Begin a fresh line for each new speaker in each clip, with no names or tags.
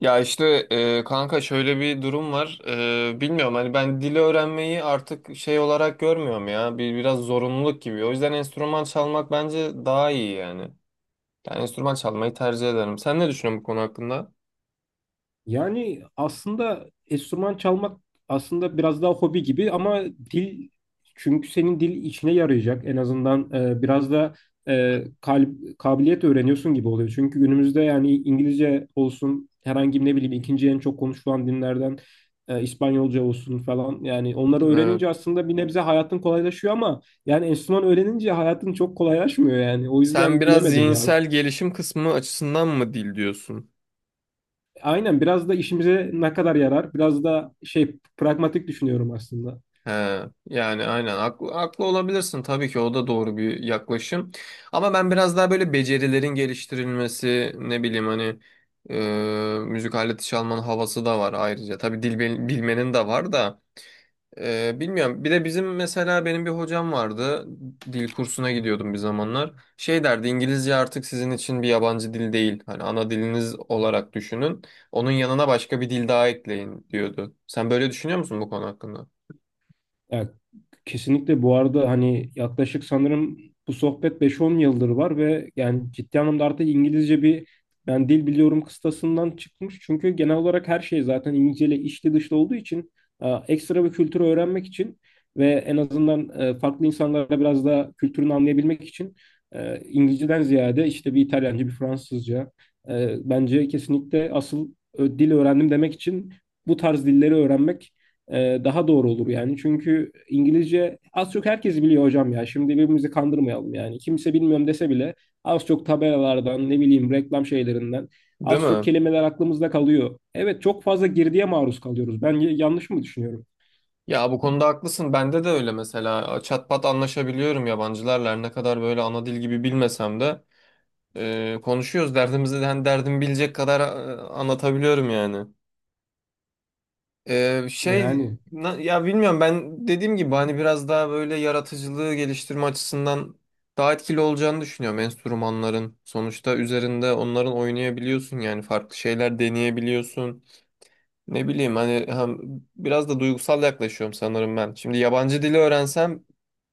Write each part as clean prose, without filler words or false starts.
Ya işte kanka şöyle bir durum var. Bilmiyorum hani ben dili öğrenmeyi artık şey olarak görmüyorum ya. Bir biraz zorunluluk gibi. O yüzden enstrüman çalmak bence daha iyi yani. Yani enstrüman çalmayı tercih ederim. Sen ne düşünüyorsun bu konu hakkında?
Yani aslında enstrüman çalmak aslında biraz daha hobi gibi ama dil çünkü senin dil içine yarayacak en azından biraz da kabiliyet öğreniyorsun gibi oluyor. Çünkü günümüzde yani İngilizce olsun herhangi ne bileyim ikinci en çok konuşulan dinlerden İspanyolca olsun falan yani onları
Evet.
öğrenince aslında bir nebze hayatın kolaylaşıyor ama yani enstrüman öğrenince hayatın çok kolaylaşmıyor yani o
Sen
yüzden
biraz
bilemedim ya.
zihinsel gelişim kısmı açısından mı dil diyorsun?
Aynen biraz da işimize ne kadar yarar? Biraz da şey pragmatik düşünüyorum aslında.
He, yani aynen haklı, haklı olabilirsin tabii ki o da doğru bir yaklaşım. Ama ben biraz daha böyle becerilerin geliştirilmesi ne bileyim hani müzik aleti çalmanın havası da var ayrıca. Tabii dil bilmenin de var da bilmiyorum. Bir de bizim mesela benim bir hocam vardı, dil kursuna gidiyordum bir zamanlar. Şey derdi, İngilizce artık sizin için bir yabancı dil değil. Hani ana diliniz olarak düşünün. Onun yanına başka bir dil daha ekleyin diyordu. Sen böyle düşünüyor musun bu konu hakkında?
Evet, kesinlikle bu arada hani yaklaşık sanırım bu sohbet 5-10 yıldır var ve yani ciddi anlamda artık İngilizce bir ben dil biliyorum kıstasından çıkmış. Çünkü genel olarak her şey zaten İngilizce ile içli dışlı olduğu için ekstra bir kültürü öğrenmek için ve en azından farklı insanlara biraz daha kültürünü anlayabilmek için İngilizceden ziyade işte bir İtalyanca, bir Fransızca bence kesinlikle asıl dil öğrendim demek için bu tarz dilleri öğrenmek daha doğru olur yani. Çünkü İngilizce az çok herkes biliyor hocam ya. Şimdi birbirimizi kandırmayalım yani. Kimse bilmiyorum dese bile az çok tabelalardan ne bileyim reklam şeylerinden
Değil
az çok
mi?
kelimeler aklımızda kalıyor. Evet, çok fazla girdiye maruz kalıyoruz. Ben yanlış mı düşünüyorum?
Ya bu konuda haklısın. Bende de öyle mesela. Çatpat anlaşabiliyorum yabancılarla. Her ne kadar böyle ana dil gibi bilmesem de konuşuyoruz. Derdimizi de hani derdimi bilecek kadar anlatabiliyorum yani.
Yani.
Ya bilmiyorum, ben dediğim gibi hani biraz daha böyle yaratıcılığı geliştirme açısından daha etkili olacağını düşünüyorum enstrümanların. Sonuçta üzerinde onların oynayabiliyorsun, yani farklı şeyler deneyebiliyorsun. Ne bileyim hani, hem biraz da duygusal yaklaşıyorum sanırım ben. Şimdi yabancı dili öğrensem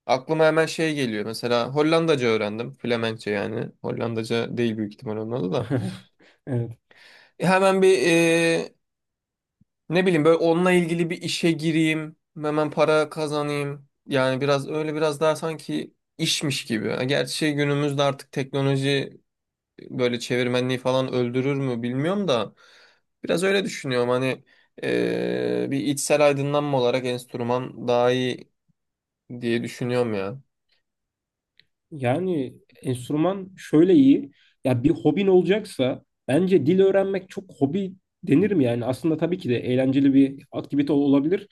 aklıma hemen şey geliyor. Mesela Hollandaca öğrendim. Flemenkçe yani. Hollandaca değil büyük ihtimal onun adı da.
Evet.
Hemen bir ne bileyim böyle onunla ilgili bir işe gireyim. Hemen para kazanayım. Yani biraz öyle, biraz daha sanki işmiş gibi. Ha, gerçi şey, günümüzde artık teknoloji böyle çevirmenliği falan öldürür mü bilmiyorum da biraz öyle düşünüyorum hani, bir içsel aydınlanma olarak enstrüman daha iyi diye düşünüyorum ya.
Yani enstrüman şöyle iyi. Ya bir hobin olacaksa bence dil öğrenmek çok hobi denir mi yani? Aslında tabii ki de eğlenceli bir aktivite olabilir.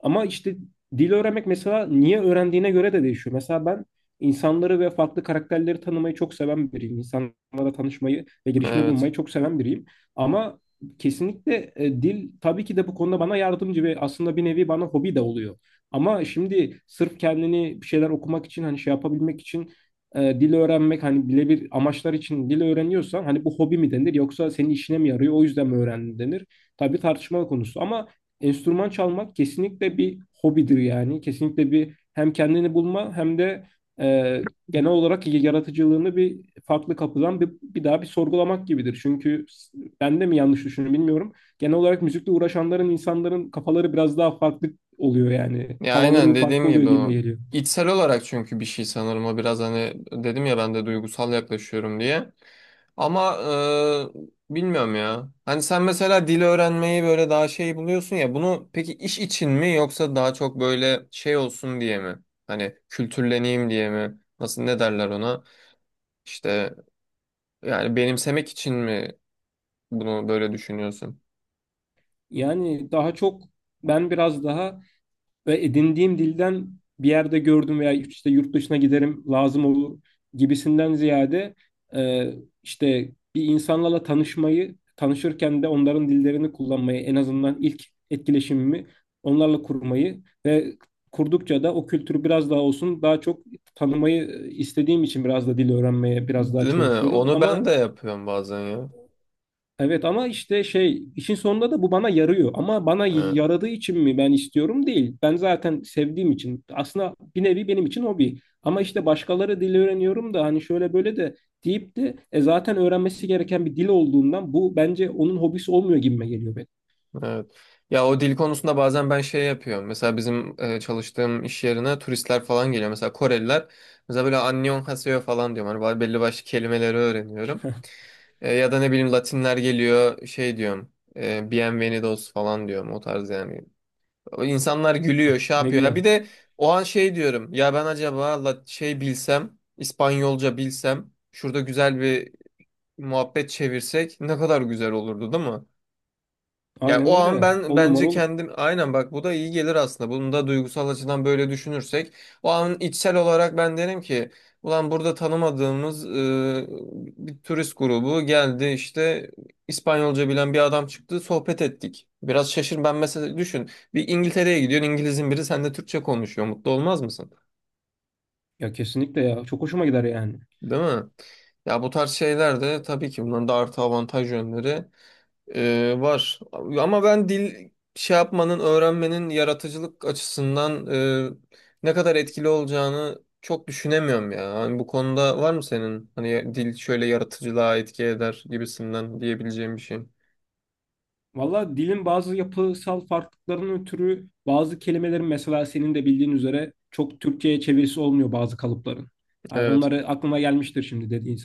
Ama işte dil öğrenmek mesela niye öğrendiğine göre de değişiyor. Mesela ben insanları ve farklı karakterleri tanımayı çok seven biriyim. İnsanlarla tanışmayı ve girişimde
Evet.
bulunmayı çok seven biriyim. Ama kesinlikle dil tabii ki de bu konuda bana yardımcı ve aslında bir nevi bana hobi de oluyor. Ama şimdi sırf kendini bir şeyler okumak için hani şey yapabilmek için dil öğrenmek hani birebir amaçlar için dil öğreniyorsan hani bu hobi mi denir yoksa senin işine mi yarıyor o yüzden mi öğrendin denir. Tabii tartışmalı konusu ama enstrüman çalmak kesinlikle bir hobidir yani. Kesinlikle bir hem kendini bulma hem de e, genel olarak yaratıcılığını bir farklı kapıdan bir daha bir sorgulamak gibidir. Çünkü ben de mi yanlış düşünüyorum bilmiyorum. Genel olarak müzikle uğraşanların insanların kafaları biraz daha farklı oluyor yani.
Ya
Havaları
aynen
bir
dediğim
farklı oluyor
gibi
gibime
o.
geliyor.
İçsel olarak, çünkü bir şey sanırım o biraz hani, dedim ya ben de duygusal yaklaşıyorum diye. Ama bilmiyorum ya. Hani sen mesela dil öğrenmeyi böyle daha şey buluyorsun ya. Bunu peki iş için mi yoksa daha çok böyle şey olsun diye mi? Hani kültürleneyim diye mi? Nasıl ne derler ona? İşte, yani benimsemek için mi bunu böyle düşünüyorsun?
Yani daha çok ben biraz daha ve edindiğim dilden bir yerde gördüm veya işte yurt dışına giderim lazım olur gibisinden ziyade e, işte bir insanlarla tanışmayı tanışırken de onların dillerini kullanmayı en azından ilk etkileşimimi onlarla kurmayı ve kurdukça da o kültürü biraz daha olsun daha çok tanımayı istediğim için biraz da dil öğrenmeye biraz daha
Değil mi?
çalışıyorum
Onu ben
ama
de yapıyorum bazen
evet ama işte şey işin sonunda da bu bana yarıyor. Ama bana
ya.
yaradığı için mi ben istiyorum değil. Ben zaten sevdiğim için. Aslında bir nevi benim için hobi. Ama işte başkaları dil öğreniyorum da hani şöyle böyle de deyip de zaten öğrenmesi gereken bir dil olduğundan bu bence onun hobisi olmuyor gibime geliyor benim.
Evet. Ya o dil konusunda bazen ben şey yapıyorum. Mesela bizim çalıştığım iş yerine turistler falan geliyor. Mesela Koreliler. Mesela böyle Annyeonghaseyo falan diyorum. Hani belli başlı kelimeleri öğreniyorum. Ya da ne bileyim Latinler geliyor, şey diyorum. Bienvenidos falan diyorum. O tarz yani. O İnsanlar gülüyor, şey
Ne
yapıyor. Ya
güzel.
bir de o an şey diyorum. Ya ben acaba bilsem, İspanyolca bilsem, şurada güzel bir muhabbet çevirsek ne kadar güzel olurdu, değil mi? Ya o
Aynen
an
öyle.
ben
On numara
bence
olur.
kendim, aynen bak bu da iyi gelir aslında. Bunu da duygusal açıdan böyle düşünürsek o an içsel olarak ben derim ki, ulan burada tanımadığımız bir turist grubu geldi işte, İspanyolca bilen bir adam çıktı, sohbet ettik. Biraz şaşır, ben mesela düşün, bir İngiltere'ye gidiyorsun, İngiliz'in biri seninle Türkçe konuşuyor, mutlu olmaz mısın?
Ya kesinlikle ya. Çok hoşuma gider yani.
Değil mi? Ya bu tarz şeyler de tabii ki, bunların da artı avantaj yönleri var. Ama ben dil şey yapmanın, öğrenmenin yaratıcılık açısından ne kadar etkili olacağını çok düşünemiyorum ya. Hani bu konuda var mı senin hani dil şöyle yaratıcılığa etki eder gibisinden diyebileceğim bir şey?
Valla dilin bazı yapısal farklılıklarının ötürü bazı kelimelerin mesela senin de bildiğin üzere çok Türkçe'ye çevirisi olmuyor bazı kalıpların. Yani
Evet.
onları aklıma gelmiştir şimdi dediğin.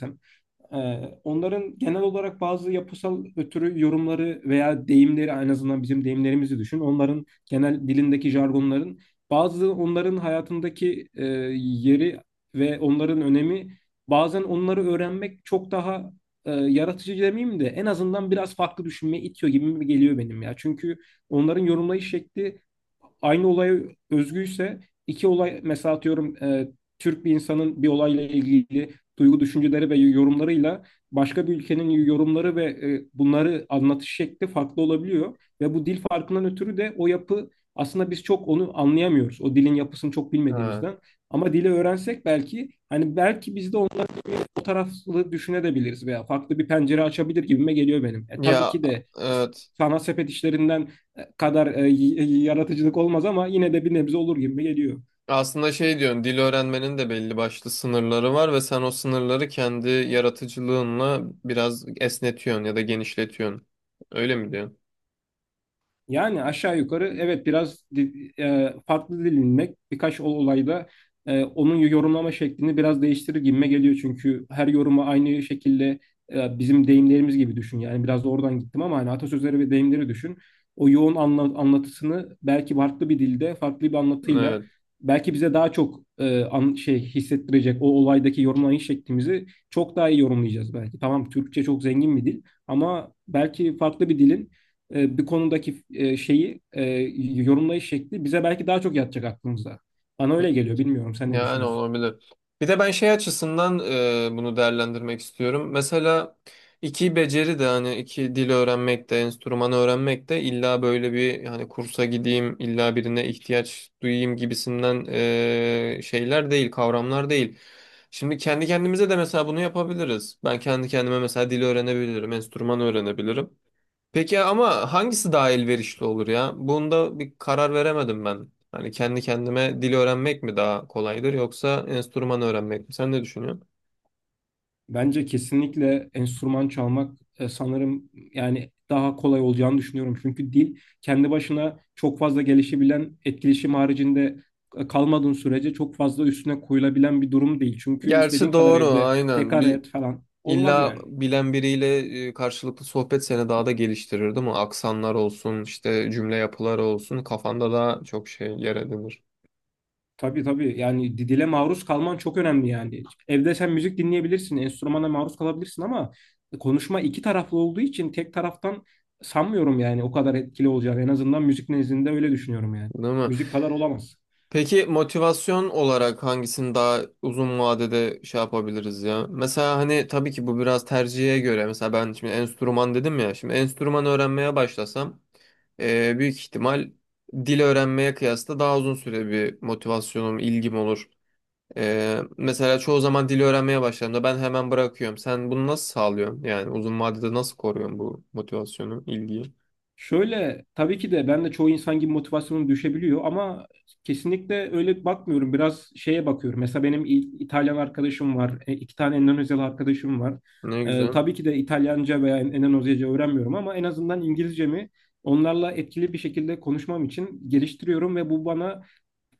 Onların genel olarak bazı yapısal ötürü yorumları veya deyimleri en azından bizim deyimlerimizi düşün. Onların genel dilindeki jargonların bazı onların hayatındaki yeri ve onların önemi, bazen onları öğrenmek çok daha yaratıcı demeyeyim de en azından biraz farklı düşünmeye itiyor gibi mi geliyor benim ya. Çünkü onların yorumlayış şekli aynı olaya özgüyse iki olay mesela atıyorum Türk bir insanın bir olayla ilgili duygu düşünceleri ve yorumlarıyla başka bir ülkenin yorumları ve bunları anlatış şekli farklı olabiliyor. Ve bu dil farkından ötürü de o yapı aslında biz çok onu anlayamıyoruz. O dilin yapısını çok
Ha.
bilmediğimizden. Ama dili öğrensek belki hani belki biz de onların o taraflı düşünebiliriz veya farklı bir pencere açabilir gibime geliyor benim. Tabii
Ya
ki de
evet.
sanat sepet işlerinden kadar yaratıcılık olmaz ama yine de bir nebze olur gibi geliyor.
Aslında şey diyorsun, dil öğrenmenin de belli başlı sınırları var ve sen o sınırları kendi yaratıcılığınla biraz esnetiyorsun ya da genişletiyorsun. Öyle mi diyorsun?
Yani aşağı yukarı evet, biraz farklı dilinmek birkaç olayda onun yorumlama şeklini biraz değiştirir gibime geliyor. Çünkü her yorumu aynı şekilde bizim deyimlerimiz gibi düşün. Yani biraz da oradan gittim ama hani atasözleri ve deyimleri düşün. O yoğun anlatısını belki farklı bir dilde, farklı bir anlatıyla
Evet.
belki bize daha çok şey hissettirecek, o olaydaki yorumlayış şeklimizi çok daha iyi yorumlayacağız belki. Tamam, Türkçe çok zengin bir dil ama belki farklı bir dilin bir konudaki şeyi yorumlayış şekli bize belki daha çok yatacak aklımızda. Bana öyle geliyor. Bilmiyorum, sen ne
Yani
düşünüyorsun?
olabilir. Bir de ben şey açısından bunu değerlendirmek istiyorum. Mesela iki beceri de, hani iki dil öğrenmek de enstrümanı öğrenmek de illa böyle bir hani kursa gideyim, illa birine ihtiyaç duyayım gibisinden şeyler değil, kavramlar değil. Şimdi kendi kendimize de mesela bunu yapabiliriz. Ben kendi kendime mesela dil öğrenebilirim, enstrüman öğrenebilirim. Peki ama hangisi daha elverişli olur ya? Bunda bir karar veremedim ben. Hani kendi kendime dil öğrenmek mi daha kolaydır yoksa enstrüman öğrenmek mi? Sen ne düşünüyorsun?
Bence kesinlikle enstrüman çalmak sanırım yani daha kolay olacağını düşünüyorum. Çünkü dil kendi başına çok fazla gelişebilen, etkileşim haricinde kalmadığın sürece çok fazla üstüne koyulabilen bir durum değil. Çünkü istediğin
Gerçi
kadar
doğru,
evde
aynen.
tekrar
Bir
et falan olmaz
illa
yani.
bilen biriyle karşılıklı sohbet seni daha da geliştirir değil mi? Aksanlar olsun, işte cümle yapıları olsun kafanda daha çok şey yer edinir.
Tabii tabii yani dile maruz kalman çok önemli yani. Evde sen müzik dinleyebilirsin, enstrümana maruz kalabilirsin ama konuşma iki taraflı olduğu için tek taraftan sanmıyorum yani o kadar etkili olacağını. En azından müzik nezdinde öyle düşünüyorum yani.
Değil mi?
Müzik kadar olamaz.
Peki motivasyon olarak hangisini daha uzun vadede şey yapabiliriz ya? Mesela hani tabii ki bu biraz tercihe göre. Mesela ben şimdi enstrüman dedim ya. Şimdi enstrüman öğrenmeye başlasam büyük ihtimal dil öğrenmeye kıyasla daha uzun süre bir motivasyonum, ilgim olur. Mesela çoğu zaman dil öğrenmeye başladığımda ben hemen bırakıyorum. Sen bunu nasıl sağlıyorsun? Yani uzun vadede nasıl koruyorsun bu motivasyonu, ilgiyi?
Şöyle, tabii ki de ben de çoğu insan gibi motivasyonum düşebiliyor ama kesinlikle öyle bakmıyorum. Biraz şeye bakıyorum. Mesela benim İtalyan arkadaşım var. E, iki tane Endonezyalı arkadaşım var.
Ne güzel.
Tabii ki de İtalyanca veya Endonezyaca öğrenmiyorum ama en azından İngilizcemi onlarla etkili bir şekilde konuşmam için geliştiriyorum ve bu bana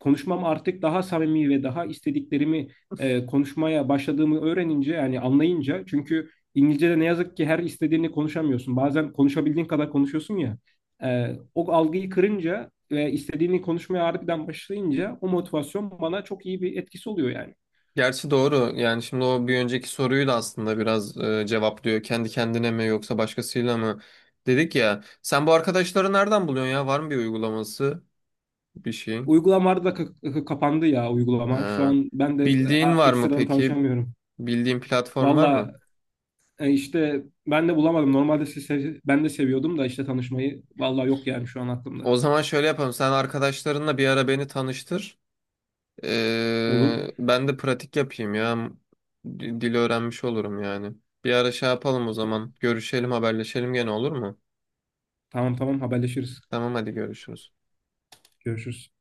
konuşmam artık daha samimi ve daha istediklerimi konuşmaya başladığımı öğrenince yani anlayınca, çünkü İngilizce'de ne yazık ki her istediğini konuşamıyorsun. Bazen konuşabildiğin kadar konuşuyorsun ya. O algıyı kırınca ve istediğini konuşmaya harbiden başlayınca o motivasyon bana çok iyi bir etkisi oluyor yani.
Gerçi doğru. Yani şimdi o bir önceki soruyu da aslında biraz cevaplıyor. Kendi kendine mi yoksa başkasıyla mı? Dedik ya. Sen bu arkadaşları nereden buluyorsun ya? Var mı bir uygulaması? Bir şey.
Uygulamalarda da kapandı ya uygulama. Şu
Ha.
an ben de
Bildiğin var mı
ekstradan
peki?
tanışamıyorum.
Bildiğin platform var
Valla
mı?
işte ben de bulamadım. Normalde siz ben de seviyordum da işte tanışmayı. Valla yok yani şu an aklımda.
O zaman şöyle yapalım. Sen arkadaşlarınla bir ara beni tanıştır.
Olur.
Ben de pratik yapayım ya. Dili öğrenmiş olurum yani. Bir ara şey yapalım o
Ta-
zaman. Görüşelim, haberleşelim gene, olur mu?
tamam tamam, haberleşiriz.
Tamam hadi, görüşürüz.
Görüşürüz.